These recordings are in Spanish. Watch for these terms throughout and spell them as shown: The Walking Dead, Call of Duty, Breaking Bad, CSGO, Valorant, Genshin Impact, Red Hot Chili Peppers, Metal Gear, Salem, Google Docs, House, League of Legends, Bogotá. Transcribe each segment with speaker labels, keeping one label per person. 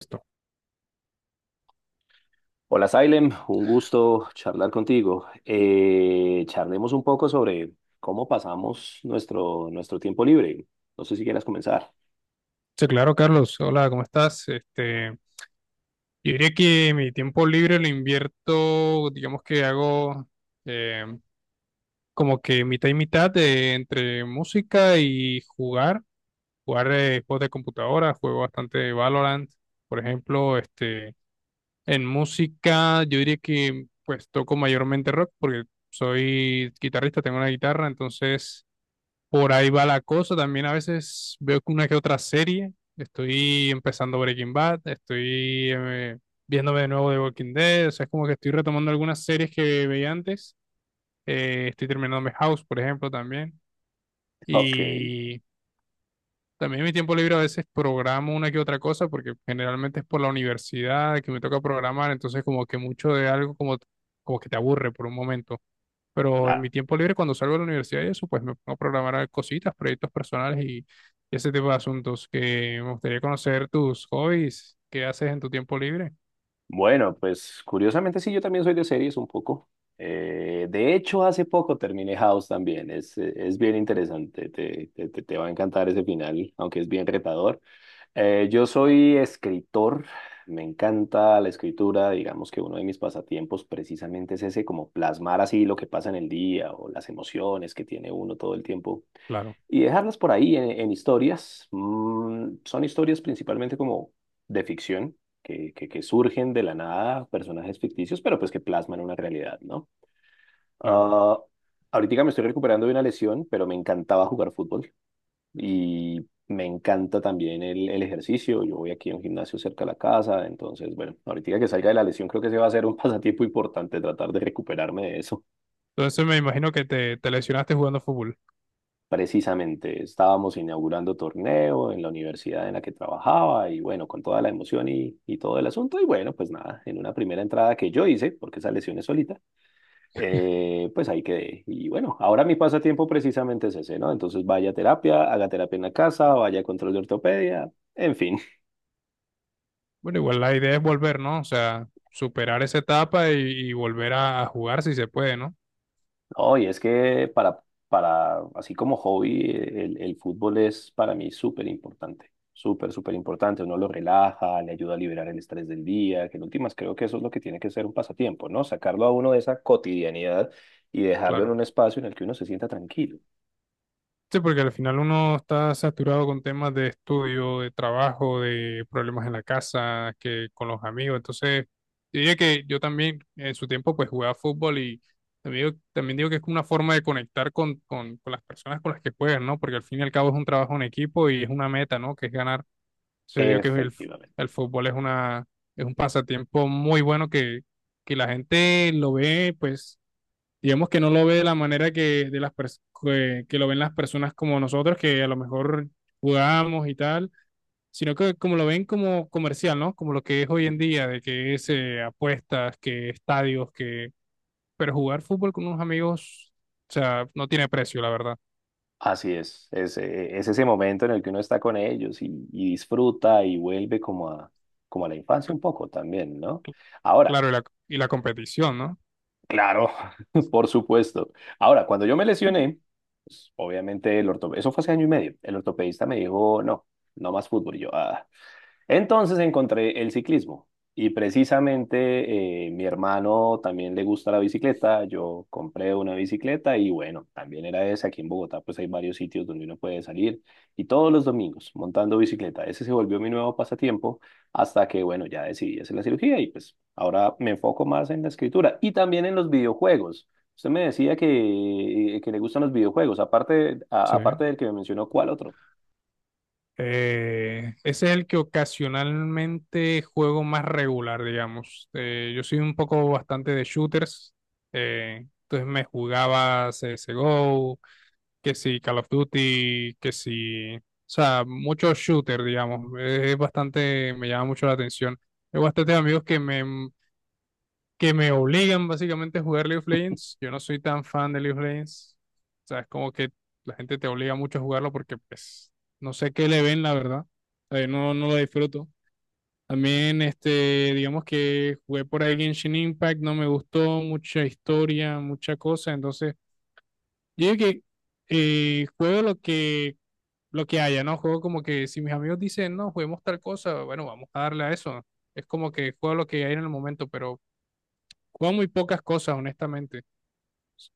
Speaker 1: Esto.
Speaker 2: Hola, Salem, un gusto charlar contigo. Charlemos un poco sobre cómo pasamos nuestro tiempo libre. No sé si quieras comenzar.
Speaker 1: Sí, claro, Carlos. Hola, ¿cómo estás? Yo diría que mi tiempo libre lo invierto, digamos que hago eh, como que mitad y mitad de, entre música y jugar juegos de computadora, juego bastante Valorant, por ejemplo, en música yo diría que pues toco mayormente rock porque soy guitarrista, tengo una guitarra, entonces por ahí va la cosa. También a veces veo que una que otra serie. Estoy empezando Breaking Bad, estoy viéndome de nuevo The Walking Dead. O sea, es como que estoy retomando algunas series que veía antes. Estoy terminándome House, por ejemplo, también.
Speaker 2: Ok,
Speaker 1: Y también en mi tiempo libre a veces programo una que otra cosa, porque generalmente es por la universidad que me toca programar. Entonces, como que mucho de algo como, como que te aburre por un momento. Pero en
Speaker 2: claro.
Speaker 1: mi tiempo libre, cuando salgo de la universidad y eso, pues me pongo a programar cositas, proyectos personales y ese tipo de asuntos que me gustaría conocer tus hobbies, qué haces en tu tiempo libre.
Speaker 2: Bueno, pues curiosamente sí, yo también soy de series un poco. De hecho, hace poco terminé House también. Es bien interesante, te va a encantar ese final, aunque es bien retador. Yo soy escritor, me encanta la escritura, digamos que uno de mis pasatiempos precisamente es ese, como plasmar así lo que pasa en el día o las emociones que tiene uno todo el tiempo
Speaker 1: Claro,
Speaker 2: y dejarlas por ahí en historias. Mm, son historias principalmente como de ficción, que surgen de la nada, personajes ficticios, pero pues que plasman una realidad, ¿no?
Speaker 1: claro.
Speaker 2: Ah, Ahorita me estoy recuperando de una lesión, pero me encantaba jugar fútbol y me encanta también el ejercicio. Yo voy aquí a un gimnasio cerca de la casa, entonces, bueno, ahorita que salga de la lesión, creo que se va a hacer un pasatiempo importante tratar de recuperarme de eso.
Speaker 1: Entonces me imagino que te lesionaste jugando fútbol.
Speaker 2: Precisamente estábamos inaugurando torneo en la universidad en la que trabajaba y bueno, con toda la emoción y todo el asunto. Y bueno, pues nada, en una primera entrada que yo hice, porque esa lesión es solita, pues ahí quedé. Y bueno, ahora mi pasatiempo precisamente es ese, ¿no? Entonces vaya a terapia, haga terapia en la casa, vaya a control de ortopedia, en fin.
Speaker 1: Bueno, igual la idea es volver, ¿no? O sea, superar esa etapa y volver a jugar si se puede, ¿no?
Speaker 2: No, y es que para, así como hobby, el fútbol es para mí súper importante, súper, súper importante. Uno lo relaja, le ayuda a liberar el estrés del día, que en últimas creo que eso es lo que tiene que ser un pasatiempo, ¿no? Sacarlo a uno de esa cotidianidad y dejarlo en
Speaker 1: Claro.
Speaker 2: un espacio en el que uno se sienta tranquilo.
Speaker 1: Sí, porque al final uno está saturado con temas de estudio, de trabajo, de problemas en la casa, que con los amigos. Entonces, yo diría que yo también en su tiempo pues jugaba fútbol y también digo que es como una forma de conectar con las personas con las que juegas, ¿no? Porque al fin y al cabo es un trabajo en equipo y es una meta, ¿no? Que es ganar. Entonces, digo que
Speaker 2: Efectivamente.
Speaker 1: el fútbol es una, es un pasatiempo muy bueno que la gente lo ve pues digamos que no lo ve de la manera que, que lo ven las personas como nosotros, que a lo mejor jugamos y tal, sino que como lo ven como comercial, ¿no? Como lo que es hoy en día, de que es apuestas, que estadios, que... Pero jugar fútbol con unos amigos, o sea, no tiene precio, la verdad.
Speaker 2: Así es, es ese momento en el que uno está con ellos y disfruta y vuelve como a la infancia un poco también, ¿no?
Speaker 1: Cl-
Speaker 2: Ahora.
Speaker 1: Claro, y la competición, ¿no?
Speaker 2: Claro, por supuesto. Ahora, cuando yo me lesioné, pues, obviamente el ortopedista, eso fue hace año y medio, el ortopedista me dijo, no, no más fútbol. Y yo, ah. Entonces encontré el ciclismo y precisamente mi hermano también le gusta la bicicleta, yo compré una bicicleta y bueno, también era esa, aquí en Bogotá pues hay varios sitios donde uno puede salir y todos los domingos montando bicicleta, ese se volvió mi nuevo pasatiempo hasta que bueno, ya decidí hacer la cirugía y pues ahora me enfoco más en la escritura y también en los videojuegos. Usted me decía que le gustan los videojuegos, aparte,
Speaker 1: Sí.
Speaker 2: aparte del que me mencionó, ¿cuál otro?
Speaker 1: Ese es el que ocasionalmente juego más regular, digamos. Yo soy un poco bastante de shooters, entonces me jugaba CSGO, que si Call of Duty, que si... O sea, muchos shooters, digamos. Es bastante, me llama mucho la atención. Tengo bastantes amigos que me obligan básicamente a jugar League of Legends. Yo no soy tan fan de League of Legends. O sea, es como que la gente te obliga mucho a jugarlo porque pues no sé qué le ven, la verdad. O sea, yo no, no lo disfruto. También, digamos que jugué por ahí Genshin Impact, no me gustó, mucha historia, mucha cosa. Entonces, yo digo que juego lo que haya, ¿no? Juego como que si mis amigos dicen, no, juguemos tal cosa, bueno, vamos a darle a eso. Es como que juego lo que hay en el momento, pero juego muy pocas cosas, honestamente.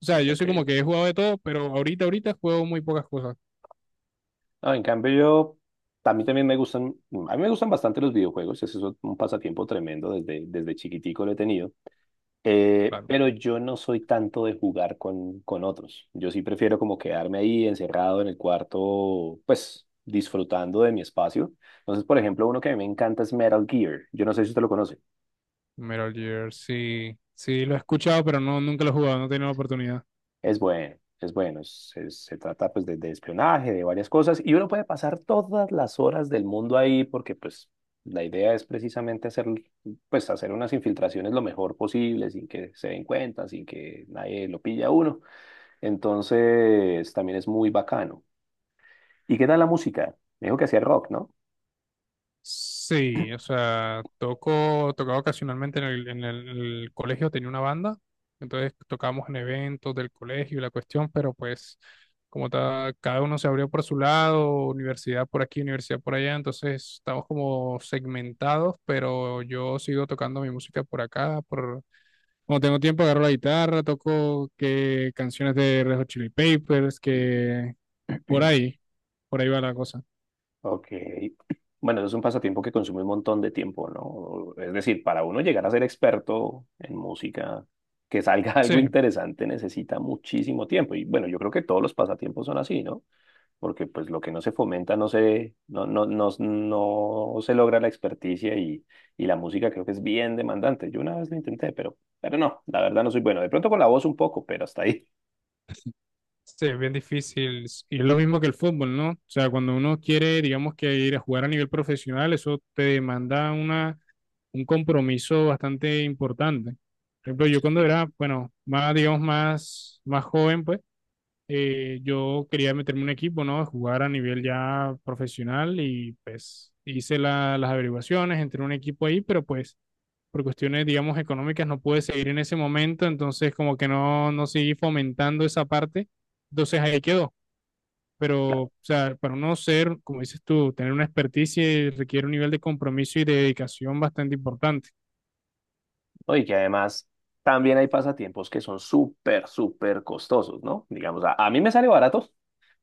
Speaker 1: O sea, yo
Speaker 2: Ok.
Speaker 1: soy como que he jugado de todo, pero ahorita juego muy pocas cosas.
Speaker 2: No, en cambio yo, a mí también me gustan, a mí me gustan bastante los videojuegos, ese es un pasatiempo tremendo, desde chiquitico lo he tenido.
Speaker 1: Claro.
Speaker 2: Pero yo no soy tanto de jugar con otros, yo sí prefiero como quedarme ahí encerrado en el cuarto, pues disfrutando de mi espacio. Entonces, por ejemplo, uno que a mí me encanta es Metal Gear, yo no sé si usted lo conoce.
Speaker 1: Metal Gear, sí. Sí, lo he escuchado, pero no, nunca lo he jugado, no he tenido la oportunidad.
Speaker 2: Es bueno, es bueno. Se trata pues de espionaje, de varias cosas, y uno puede pasar todas las horas del mundo ahí porque pues la idea es precisamente hacer, pues, hacer unas infiltraciones lo mejor posible sin que se den cuenta, sin que nadie lo pille a uno. Entonces también es muy bacano. ¿Y qué tal la música? Me dijo que hacía rock, ¿no?
Speaker 1: Sí, o sea, toco, tocaba ocasionalmente en el colegio, tenía una banda, entonces tocábamos en eventos del colegio y la cuestión, pero pues como cada uno se abrió por su lado, universidad por aquí, universidad por allá, entonces estamos como segmentados, pero yo sigo tocando mi música por acá, por... Cuando tengo tiempo agarro la guitarra, toco que canciones de Red Hot Chili Papers, que por ahí, por ahí va la cosa.
Speaker 2: Ok. Bueno, eso es un pasatiempo que consume un montón de tiempo, ¿no? Es decir, para uno llegar a ser experto en música, que salga algo
Speaker 1: Sí.
Speaker 2: interesante, necesita muchísimo tiempo. Y bueno, yo creo que todos los pasatiempos son así, ¿no? Porque pues lo que no se fomenta no se, no, no, no, no se logra la experticia y la música creo que es bien demandante. Yo una vez lo intenté, pero no, la verdad no soy bueno. De pronto con la voz un poco, pero hasta ahí.
Speaker 1: Sí, es bien difícil. Y es lo mismo que el fútbol, ¿no? O sea, cuando uno quiere, digamos que ir a jugar a nivel profesional, eso te demanda una, un compromiso bastante importante. Por ejemplo, yo cuando era, bueno, más, digamos, más, más joven, pues yo quería meterme en un equipo, ¿no? A jugar a nivel ya profesional y pues las averiguaciones, entré en un equipo ahí, pero pues por cuestiones, digamos, económicas no pude seguir en ese momento, entonces como que no seguí fomentando esa parte, entonces ahí quedó.
Speaker 2: Sí.
Speaker 1: Pero, o sea, para uno ser, como dices tú, tener una experticia requiere un nivel de compromiso y de dedicación bastante importante.
Speaker 2: ¿No? Y que además también hay pasatiempos que son súper, súper costosos, ¿no? Digamos, a mí me sale barato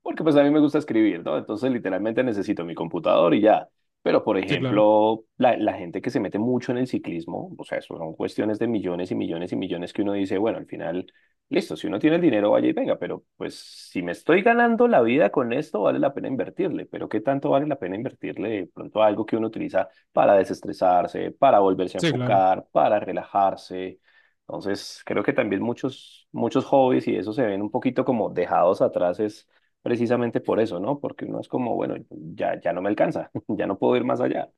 Speaker 2: porque pues a mí me gusta escribir, ¿no? Entonces literalmente necesito mi computador y ya. Pero por
Speaker 1: Sí, claro,
Speaker 2: ejemplo, la gente que se mete mucho en el ciclismo, o sea, eso son cuestiones de millones y millones y millones que uno dice, bueno, al final, listo, si uno tiene el dinero, vaya y venga, pero pues si me estoy ganando la vida con esto, vale la pena invertirle. Pero ¿qué tanto vale la pena invertirle de pronto a algo que uno utiliza para desestresarse, para volverse a
Speaker 1: sí, claro.
Speaker 2: enfocar, para relajarse? Entonces, creo que también muchos hobbies y eso se ven un poquito como dejados atrás, es precisamente por eso, ¿no? Porque uno es como, bueno, ya no me alcanza, ya no puedo ir más allá.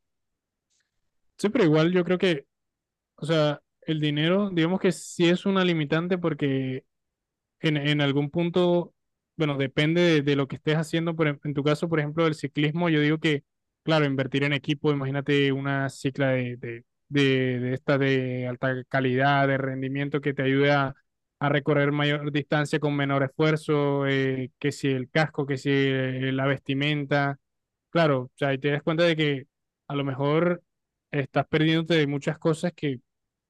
Speaker 1: Sí, pero igual yo creo que, o sea, el dinero, digamos que sí es una limitante porque en algún punto, bueno, depende de lo que estés haciendo, pero en tu caso, por ejemplo, del ciclismo, yo digo que, claro, invertir en equipo, imagínate una cicla de esta de alta calidad, de rendimiento que te ayude a recorrer mayor distancia con menor esfuerzo, que si el casco, que si la vestimenta, claro, o sea, ahí te das cuenta de que a lo mejor estás perdiéndote de muchas cosas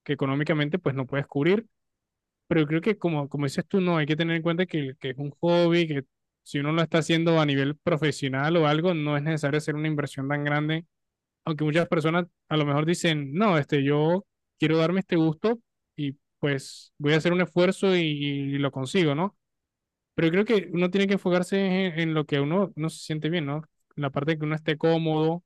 Speaker 1: que económicamente pues no puedes cubrir, pero yo creo que como, como dices tú, no, hay que tener en cuenta que es un hobby, que si uno lo está haciendo a nivel profesional o algo, no es necesario hacer una inversión tan grande, aunque muchas personas a lo mejor dicen, no, este, yo quiero darme este gusto y pues voy a hacer un esfuerzo y lo consigo, ¿no? Pero yo creo que uno tiene que enfocarse en lo que uno, uno se siente bien, ¿no? La parte que uno esté cómodo,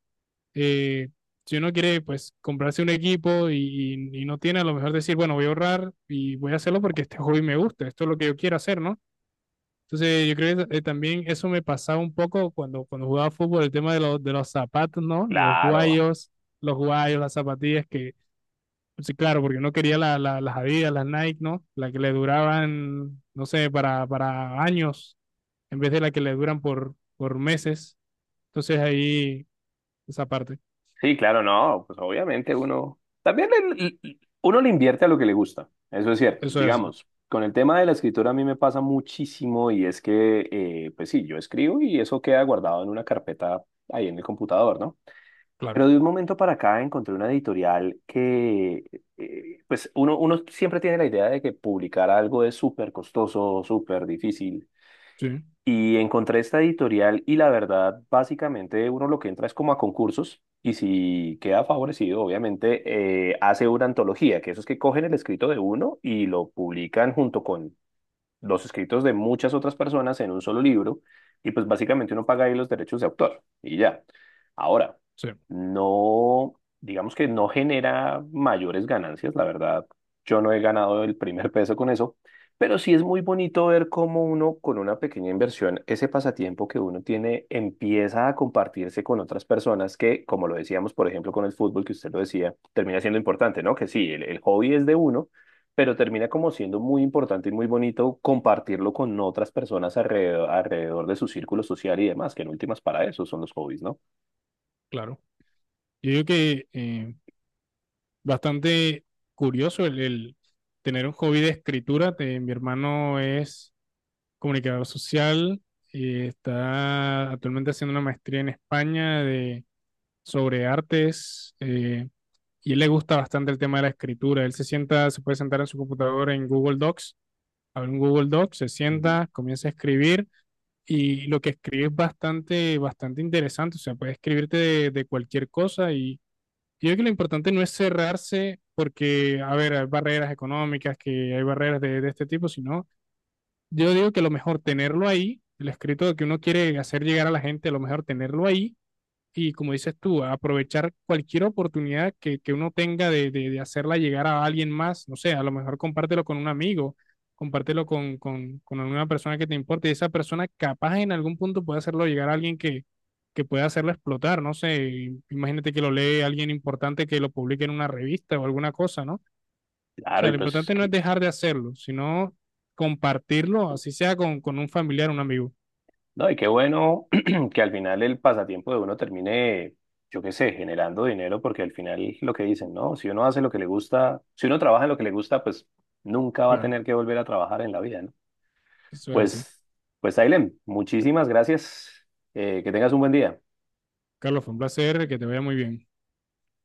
Speaker 1: eh, si uno quiere pues comprarse un equipo y no tiene, a lo mejor decir, bueno, voy a ahorrar y voy a hacerlo porque este hobby me gusta, esto es lo que yo quiero hacer, ¿no? Entonces yo creo que también eso me pasaba un poco cuando, cuando jugaba fútbol, el tema de los zapatos, ¿no?
Speaker 2: Claro,
Speaker 1: Los guayos, las zapatillas que, pues, sí, claro, porque no quería las Adidas, las Nike, ¿no? Las que le duraban, no sé, para años, en vez de las que le duran por meses. Entonces ahí, esa parte,
Speaker 2: sí, claro, no, pues obviamente uno también uno le invierte a lo que le gusta, eso es cierto.
Speaker 1: eso es así,
Speaker 2: Digamos, con el tema de la escritura a mí me pasa muchísimo y es que, pues sí, yo escribo y eso queda guardado en una carpeta ahí en el computador, ¿no?
Speaker 1: claro.
Speaker 2: Pero de un momento para acá encontré una editorial que, pues uno siempre tiene la idea de que publicar algo es súper costoso, súper difícil.
Speaker 1: Sí.
Speaker 2: Y encontré esta editorial y la verdad, básicamente uno lo que entra es como a concursos y si queda favorecido, obviamente hace una antología, que eso es que cogen el escrito de uno y lo publican junto con los escritos de muchas otras personas en un solo libro y pues básicamente uno paga ahí los derechos de autor y ya. Ahora,
Speaker 1: Sí,
Speaker 2: no, digamos que no genera mayores ganancias, la verdad, yo no he ganado el primer peso con eso, pero sí es muy bonito ver cómo uno con una pequeña inversión, ese pasatiempo que uno tiene empieza a compartirse con otras personas que, como lo decíamos, por ejemplo, con el fútbol, que usted lo decía, termina siendo importante, ¿no? Que sí, el hobby es de uno pero termina como siendo muy importante y muy bonito compartirlo con otras personas alrededor, alrededor de su círculo social y demás, que en últimas para eso son los hobbies, ¿no?
Speaker 1: claro. Yo digo que bastante curioso el tener un hobby de escritura. Mi hermano es comunicador social y está actualmente haciendo una maestría en España de, sobre artes y él le gusta bastante el tema de la escritura. Él se sienta, se puede sentar en su computadora en Google Docs, abre un Google Docs, se
Speaker 2: Mm.
Speaker 1: sienta, comienza a escribir y lo que escribe es bastante, bastante interesante. O sea, puede escribirte de cualquier cosa y yo creo que lo importante no es cerrarse porque, a ver, hay barreras económicas, que hay barreras de este tipo, sino yo digo que lo mejor tenerlo ahí, el escrito que uno quiere hacer llegar a la gente, lo mejor tenerlo ahí y como dices tú, aprovechar cualquier oportunidad que uno tenga de hacerla llegar a alguien más, no sé, a lo mejor compártelo con un amigo, compártelo con alguna persona que te importe y esa persona capaz en algún punto puede hacerlo llegar a alguien que pueda hacerlo explotar, no sé, imagínate que lo lee alguien importante que lo publique en una revista o alguna cosa, ¿no? O
Speaker 2: Claro,
Speaker 1: sea,
Speaker 2: y
Speaker 1: lo
Speaker 2: pues
Speaker 1: importante no es
Speaker 2: que,
Speaker 1: dejar de hacerlo, sino compartirlo, así sea con, un familiar, un amigo,
Speaker 2: no, y qué bueno que al final el pasatiempo de uno termine, yo qué sé, generando dinero, porque al final lo que dicen, ¿no? Si uno hace lo que le gusta, si uno trabaja en lo que le gusta, pues nunca va a
Speaker 1: claro,
Speaker 2: tener que volver a trabajar en la vida, ¿no?
Speaker 1: eso es así.
Speaker 2: Pues, pues, Ailem, muchísimas gracias. Que tengas un buen día.
Speaker 1: Carlos, fue un placer, que te vaya muy bien.